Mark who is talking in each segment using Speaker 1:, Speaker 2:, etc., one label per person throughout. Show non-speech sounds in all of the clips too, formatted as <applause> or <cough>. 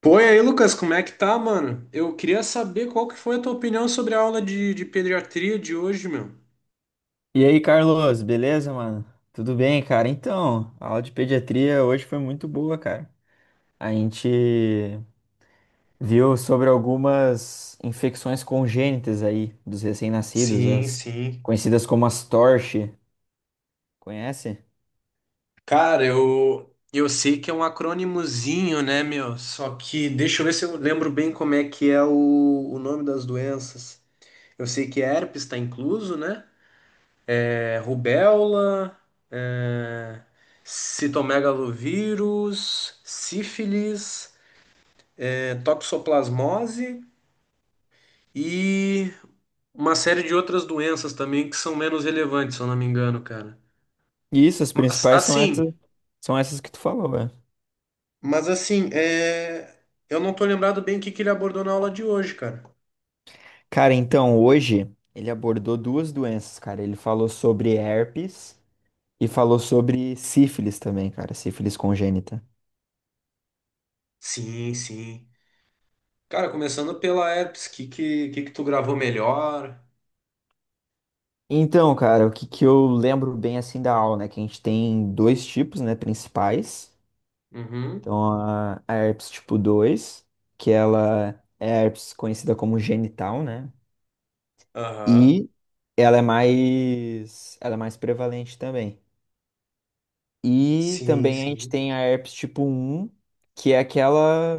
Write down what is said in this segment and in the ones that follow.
Speaker 1: Pô, e aí, Lucas, como é que tá, mano? Eu queria saber qual que foi a tua opinião sobre a aula de pediatria de hoje, meu.
Speaker 2: E aí, Carlos, beleza, mano? Tudo bem, cara? Então, a aula de pediatria hoje foi muito boa, cara. A gente viu sobre algumas infecções congênitas aí dos recém-nascidos,
Speaker 1: Sim,
Speaker 2: as
Speaker 1: sim.
Speaker 2: conhecidas como as TORCH. Conhece?
Speaker 1: Cara, eu sei que é um acrônimozinho, né, meu? Só que deixa eu ver se eu lembro bem como é que é o nome das doenças. Eu sei que herpes tá incluso, né? É rubéola, é, citomegalovírus, sífilis, toxoplasmose. E uma série de outras doenças também que são menos relevantes, se eu não me engano, cara.
Speaker 2: Isso, as
Speaker 1: Mas
Speaker 2: principais são essas,
Speaker 1: assim,
Speaker 2: são essas que tu falou, né?
Speaker 1: mas assim, é... eu não tô lembrado bem o que que ele abordou na aula de hoje, cara.
Speaker 2: Cara, então hoje ele abordou duas doenças, cara. Ele falou sobre herpes e falou sobre sífilis também, cara, sífilis congênita.
Speaker 1: Sim, sim. Cara, começando pela herpes, que que tu gravou melhor?
Speaker 2: Então, cara, o que que eu lembro bem assim da aula, né? Que a gente tem dois tipos, né, principais.
Speaker 1: Uhum.
Speaker 2: Então, a herpes tipo 2, que ela é a herpes conhecida como genital, né?
Speaker 1: Aham.
Speaker 2: E ela é mais prevalente também. E
Speaker 1: Sim,
Speaker 2: também a gente
Speaker 1: sim.
Speaker 2: tem a herpes tipo um, que é aquela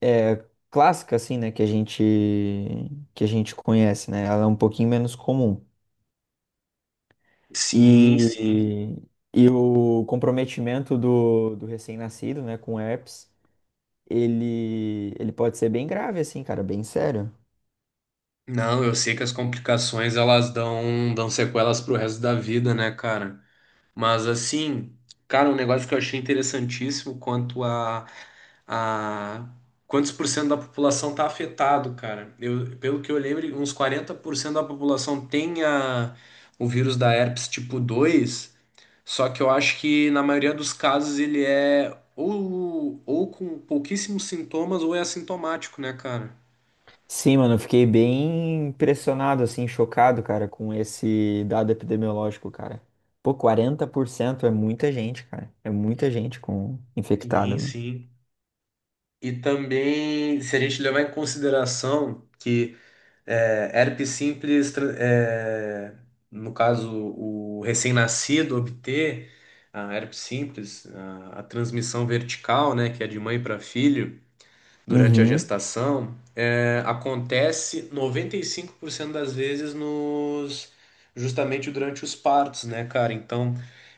Speaker 2: é, clássica, assim, né, que a gente conhece, né? Ela é um pouquinho menos comum.
Speaker 1: Sim, sim.
Speaker 2: E, e o comprometimento do recém-nascido, né, com herpes, ele pode ser bem grave, assim, cara, bem sério.
Speaker 1: Não, eu sei que as complicações elas dão sequelas pro resto da vida, né, cara? Mas assim, cara, um negócio que eu achei interessantíssimo quanto a a quantos por cento da população está afetado, cara. Eu, pelo que eu lembro, uns 40% da população tem o vírus da herpes tipo 2. Só que eu acho que na maioria dos casos ele é ou com pouquíssimos sintomas ou é assintomático, né, cara?
Speaker 2: Sim, mano, eu fiquei bem impressionado, assim, chocado, cara, com esse dado epidemiológico, cara. Pô, 40% é muita gente, cara. É muita gente com infectada,
Speaker 1: Sim,
Speaker 2: mano.
Speaker 1: sim. E também, se a gente levar em consideração que é, herpes simples, tra- é, no caso, o recém-nascido obter a herpes simples, a transmissão vertical, né, que é de mãe para filho durante a
Speaker 2: Uhum.
Speaker 1: gestação, acontece 95% das vezes nos justamente durante os partos, né, cara? Então,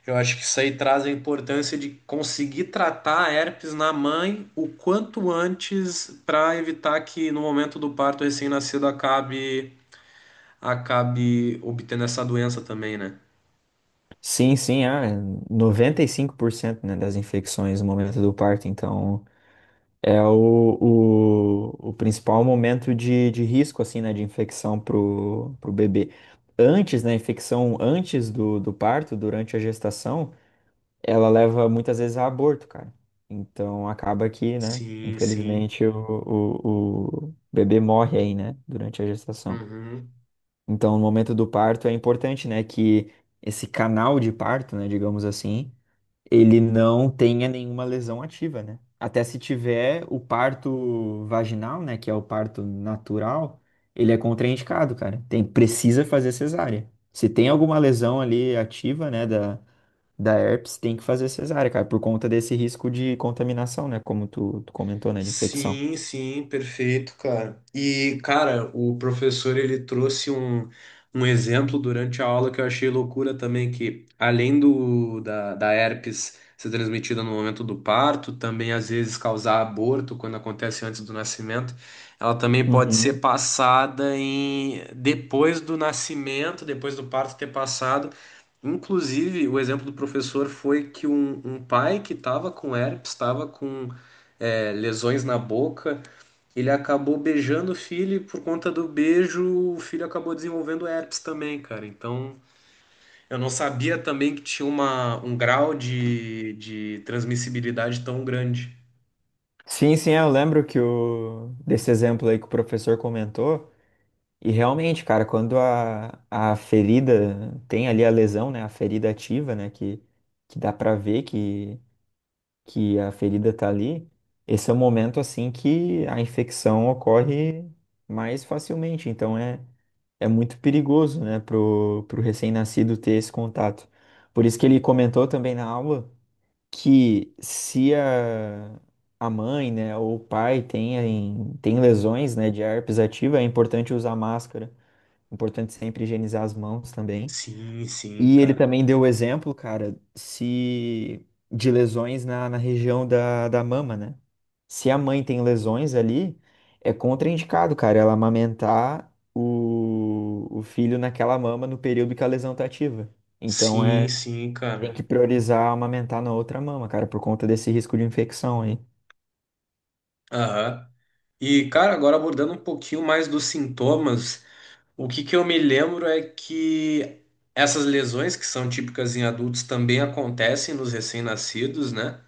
Speaker 1: eu acho que isso aí traz a importância de conseguir tratar a herpes na mãe o quanto antes para evitar que no momento do parto o recém-nascido acabe obtendo essa doença também, né?
Speaker 2: Sim, sim, é 95%, né, das infecções no momento do parto, então. É o principal momento de risco, assim, né, de infecção pro bebê. Antes, né, infecção antes do parto, durante a gestação, ela leva muitas vezes a aborto, cara. Então acaba que, né,
Speaker 1: Sim, sim.
Speaker 2: infelizmente o bebê morre aí, né, durante a gestação.
Speaker 1: Uhum.
Speaker 2: Então no momento do parto é importante, né, que esse canal de parto, né, digamos assim, ele não tenha nenhuma lesão ativa, né? Até se tiver o parto vaginal, né, que é o parto natural, ele é contraindicado, cara. Tem, precisa fazer cesárea. Se tem alguma lesão ali ativa, né, da herpes, tem que fazer cesárea, cara, por conta desse risco de contaminação, né, como tu comentou, né, de infecção.
Speaker 1: Sim, sim, perfeito, cara. E, cara, o professor ele trouxe um exemplo durante a aula que eu achei loucura também, que além da herpes ser transmitida no momento do parto, também às vezes causar aborto quando acontece antes do nascimento, ela também pode ser
Speaker 2: Uhum.
Speaker 1: passada em depois do nascimento, depois do parto ter passado. Inclusive, o exemplo do professor foi que um pai que estava com herpes, estava com lesões na boca. Ele acabou beijando o filho e por conta do beijo o filho acabou desenvolvendo herpes também, cara. Então eu não sabia também que tinha um grau de transmissibilidade tão grande.
Speaker 2: Sim, sim, eu lembro que o desse exemplo aí que o professor comentou. E realmente, cara, quando a ferida tem ali a lesão, né? A ferida ativa, né? Que dá pra ver que a ferida tá ali. Esse é o momento, assim, que a infecção ocorre mais facilmente. Então, é muito perigoso, né? Pro recém-nascido ter esse contato. Por isso que ele comentou também na aula que se a mãe, né? Ou o pai tem lesões, né? De herpes ativa, é importante usar máscara. Importante sempre higienizar as mãos também.
Speaker 1: Sim, sim,
Speaker 2: E ele
Speaker 1: cara.
Speaker 2: também deu o exemplo, cara, se de lesões na região da mama, né? Se a mãe tem lesões ali, é contraindicado, cara, ela amamentar o filho naquela mama no período que a lesão tá ativa. Então
Speaker 1: Sim, sim,
Speaker 2: tem que
Speaker 1: cara.
Speaker 2: priorizar amamentar na outra mama, cara, por conta desse risco de infecção aí.
Speaker 1: Aham. E, cara, agora abordando um pouquinho mais dos sintomas, o que que eu me lembro é que essas lesões, que são típicas em adultos, também acontecem nos recém-nascidos, né?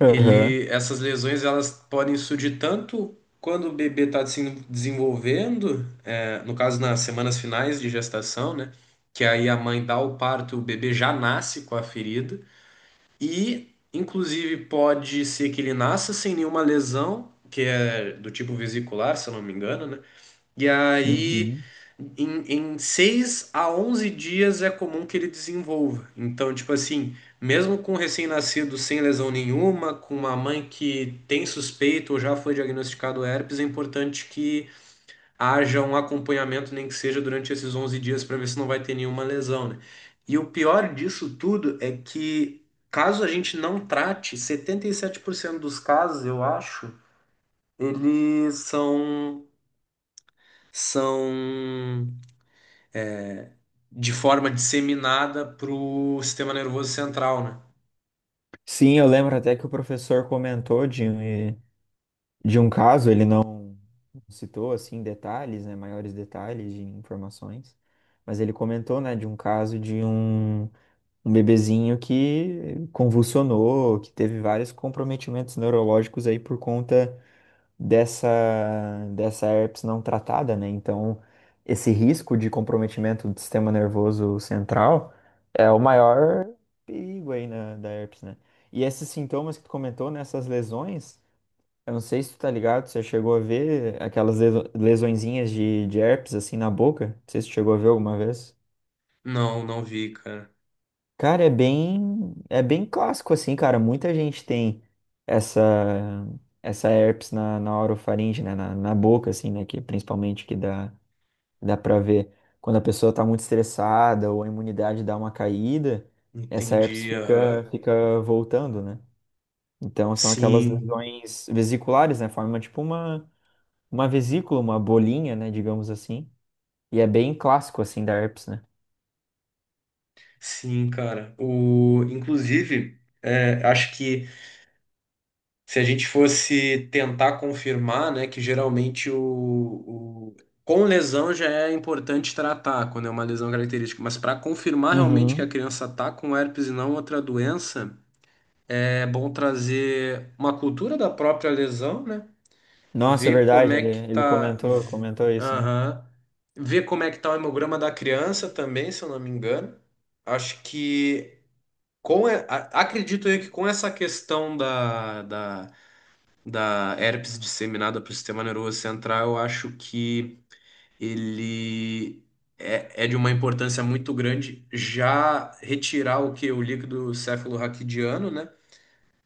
Speaker 2: Aham.
Speaker 1: Essas lesões elas podem surgir tanto quando o bebê está se desenvolvendo, no caso nas semanas finais de gestação, né? Que aí a mãe dá o parto, o bebê já nasce com a ferida, e inclusive pode ser que ele nasça sem nenhuma lesão, que é do tipo vesicular, se eu não me engano, né? E aí,
Speaker 2: Uhum.
Speaker 1: em 6 a 11 dias é comum que ele desenvolva. Então, tipo assim, mesmo com um recém-nascido sem lesão nenhuma, com uma mãe que tem suspeito ou já foi diagnosticado herpes, é importante que haja um acompanhamento, nem que seja durante esses 11 dias, para ver se não vai ter nenhuma lesão, né? E o pior disso tudo é que, caso a gente não trate, 77% dos casos, eu acho, eles são de forma disseminada pro sistema nervoso central, né?
Speaker 2: Sim, eu lembro até que o professor comentou, Dinho, de um caso, ele não citou assim detalhes, né, maiores detalhes de informações, mas ele comentou, né, de um caso de um bebezinho que convulsionou, que teve vários comprometimentos neurológicos aí por conta dessa dessa herpes não tratada, né? Então, esse risco de comprometimento do sistema nervoso central é o maior perigo aí da herpes, né? E esses sintomas que tu comentou, nessas lesões eu não sei se tu tá ligado, você chegou a ver aquelas lesõezinhas de herpes assim na boca? Não sei se tu chegou a ver alguma vez.
Speaker 1: Não, não vi, cara.
Speaker 2: Cara, é bem clássico assim, cara. Muita gente tem essa essa herpes na orofaringe, né, na boca assim, né, que principalmente que dá para ver quando a pessoa tá muito estressada ou a imunidade dá uma caída, essa herpes
Speaker 1: Entendi,
Speaker 2: fica
Speaker 1: aham.
Speaker 2: fica voltando, né? Então são aquelas
Speaker 1: Sim,
Speaker 2: lesões vesiculares, né? Forma tipo uma vesícula, uma bolinha, né, digamos assim. E é bem clássico, assim, da herpes, né?
Speaker 1: sim, cara. O, inclusive, é, acho que se a gente fosse tentar confirmar, né, que geralmente com lesão já é importante tratar quando é uma lesão característica, mas para confirmar realmente que a
Speaker 2: Uhum.
Speaker 1: criança tá com herpes e não outra doença, é bom trazer uma cultura da própria lesão, né?
Speaker 2: Nossa, é
Speaker 1: Ver como
Speaker 2: verdade,
Speaker 1: é
Speaker 2: ele,
Speaker 1: que
Speaker 2: ele
Speaker 1: tá,
Speaker 2: comentou, comentou isso, né?
Speaker 1: aham, ver como é que tá o hemograma da criança também, se eu não me engano. Acho que acredito eu que com essa questão da herpes disseminada para o sistema nervoso central, eu acho que ele é de uma importância muito grande já retirar o que o líquido cefalorraquidiano, né?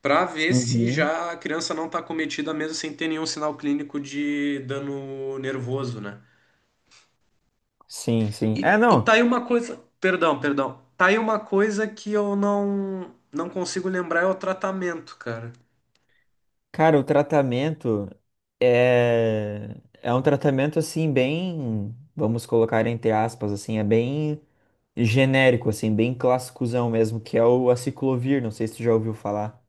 Speaker 1: Para ver se
Speaker 2: Uhum.
Speaker 1: já a criança não está acometida mesmo sem ter nenhum sinal clínico de dano nervoso, né?
Speaker 2: Sim, sim. É,
Speaker 1: E
Speaker 2: não.
Speaker 1: tá aí uma coisa, perdão, perdão, tá aí uma coisa que eu não consigo lembrar é o tratamento, cara.
Speaker 2: Cara, o tratamento é é um tratamento assim bem, vamos colocar entre aspas assim, é bem genérico assim, bem clássicozão mesmo, que é o aciclovir, não sei se tu já ouviu falar,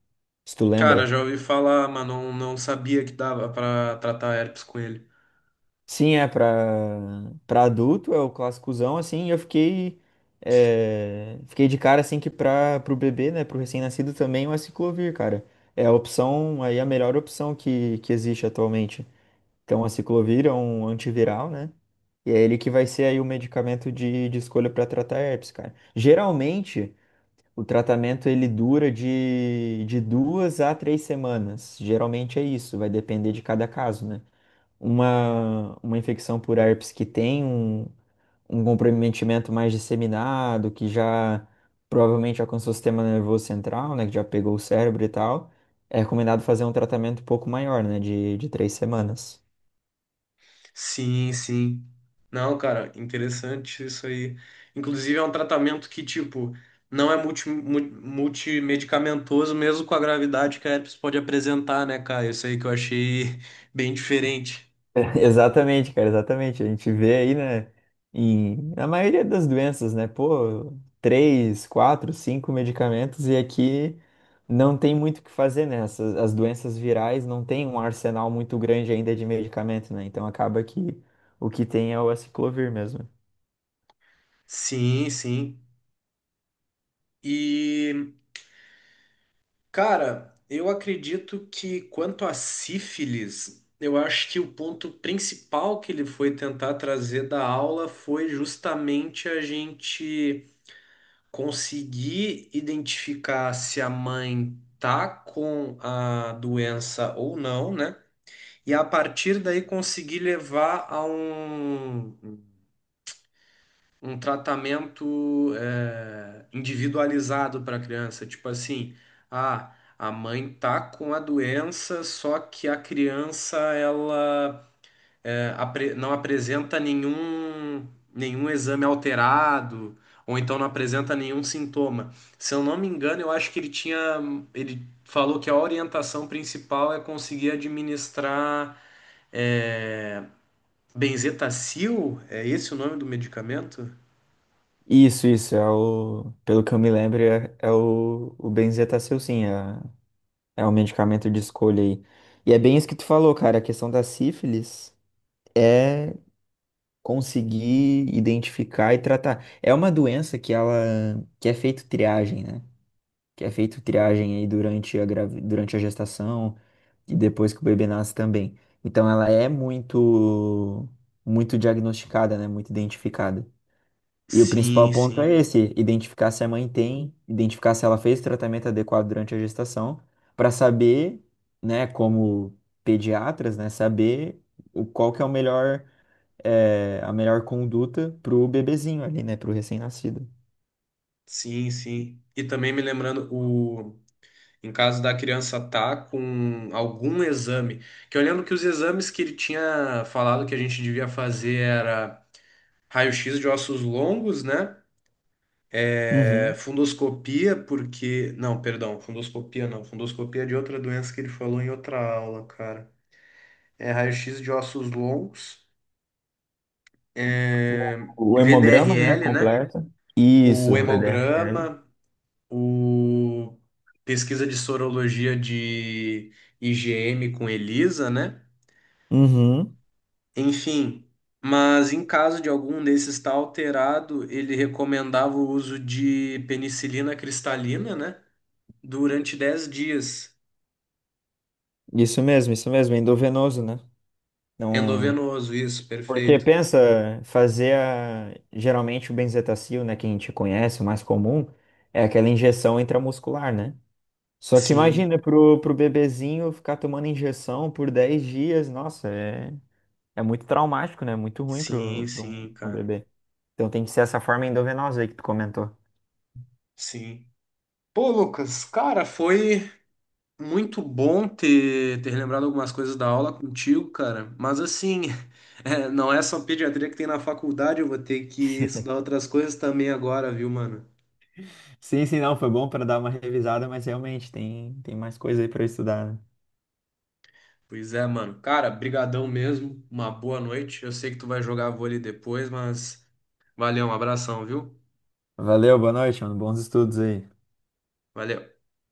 Speaker 2: se tu
Speaker 1: Cara,
Speaker 2: lembra.
Speaker 1: já ouvi falar, mas não sabia que dava para tratar herpes com ele.
Speaker 2: Sim, é pra para adulto, é o clássicozão, assim, e eu fiquei de cara assim que para pro bebê, né, pro recém-nascido também é o aciclovir, cara. É a opção, aí a melhor opção que existe atualmente. Então, o aciclovir é um antiviral, né? E é ele que vai ser aí o medicamento de escolha para tratar herpes, cara. Geralmente, o tratamento ele dura de 2 a 3 semanas. Geralmente é isso, vai depender de cada caso, né? Uma infecção por herpes que tem um comprometimento mais disseminado, que já provavelmente alcançou o sistema nervoso central, né, que já pegou o cérebro e tal, é recomendado fazer um tratamento um pouco maior, né, de 3 semanas.
Speaker 1: Sim, sim. Não, cara, interessante isso aí. Inclusive, é um tratamento que, tipo, não é multimedicamentoso, mesmo com a gravidade que a herpes pode apresentar, né, cara? Isso aí que eu achei <laughs> bem diferente.
Speaker 2: <laughs> Exatamente, cara, exatamente. A gente vê aí, né, na maioria das doenças, né, pô, três, quatro, cinco medicamentos e aqui não tem muito o que fazer, né? As doenças virais não tem um arsenal muito grande ainda de medicamento, né? Então acaba que o que tem é o aciclovir mesmo.
Speaker 1: Sim, sim. E, cara, eu acredito que quanto à sífilis, eu acho que o ponto principal que ele foi tentar trazer da aula foi justamente a gente conseguir identificar se a mãe tá com a doença ou não, né? E a partir daí conseguir levar a um tratamento individualizado para a criança. Tipo assim, ah, a mãe tá com a doença, só que a criança ela não apresenta nenhum exame alterado, ou então não apresenta nenhum sintoma. Se eu não me engano, eu acho que ele tinha, ele falou que a orientação principal é conseguir administrar é, Benzetacil, é esse o nome do medicamento?
Speaker 2: Isso, Pelo que eu me lembro, é o Benzetacil, sim, é o medicamento de escolha aí. E é bem isso que tu falou, cara, a questão da sífilis. É conseguir identificar e tratar. É uma doença que ela que é feito triagem, né? Que é feito triagem aí durante a durante a gestação e depois que o bebê nasce também. Então ela é muito muito diagnosticada, né? Muito identificada. E o principal
Speaker 1: Sim,
Speaker 2: ponto é
Speaker 1: sim,
Speaker 2: esse, identificar se a mãe tem, identificar se ela fez o tratamento adequado durante a gestação, para saber, né, como pediatras, né, saber o qual que é o melhor a melhor conduta pro bebezinho ali, né? Pro recém-nascido.
Speaker 1: sim, sim. E também me lembrando o. Em caso da criança tá com algum exame, que eu lembro que os exames que ele tinha falado que a gente devia fazer era raio-x de ossos longos, né? É,
Speaker 2: Uhum.
Speaker 1: fundoscopia, porque. Não, perdão, fundoscopia não. Fundoscopia é de outra doença que ele falou em outra aula, cara. É raio-x de ossos longos,
Speaker 2: O,
Speaker 1: é,
Speaker 2: o hemograma, né,
Speaker 1: VDRL, né?
Speaker 2: completo.
Speaker 1: O
Speaker 2: Isso. VDRL.
Speaker 1: hemograma, o pesquisa de sorologia de IgM com ELISA, né?
Speaker 2: Uhum.
Speaker 1: Enfim, mas em caso de algum desses estar alterado, ele recomendava o uso de penicilina cristalina, né? Durante 10 dias.
Speaker 2: Isso mesmo, endovenoso, né? Não.
Speaker 1: Endovenoso, isso,
Speaker 2: Porque
Speaker 1: perfeito.
Speaker 2: pensa, geralmente o benzetacil, né, que a gente conhece, o mais comum, é aquela injeção intramuscular, né? Só que
Speaker 1: Sim,
Speaker 2: imagina pro bebezinho ficar tomando injeção por 10 dias, nossa, é muito traumático, né? Muito ruim
Speaker 1: sim,
Speaker 2: pro, pro,
Speaker 1: sim,
Speaker 2: pro
Speaker 1: cara.
Speaker 2: bebê. Então tem que ser essa forma endovenosa aí que tu comentou.
Speaker 1: Sim. Pô, Lucas, cara, foi muito bom ter lembrado algumas coisas da aula contigo, cara. Mas assim, <laughs> é, não é só pediatria que tem na faculdade, eu vou ter que estudar outras coisas também agora, viu, mano?
Speaker 2: Sim, sim, não, foi bom para dar uma revisada, mas realmente tem mais coisa aí para estudar, né?
Speaker 1: Pois é, mano. Cara, brigadão mesmo. Uma boa noite. Eu sei que tu vai jogar vôlei depois, mas valeu, um abração, viu?
Speaker 2: Valeu, boa noite, mano. Bons estudos aí.
Speaker 1: Valeu.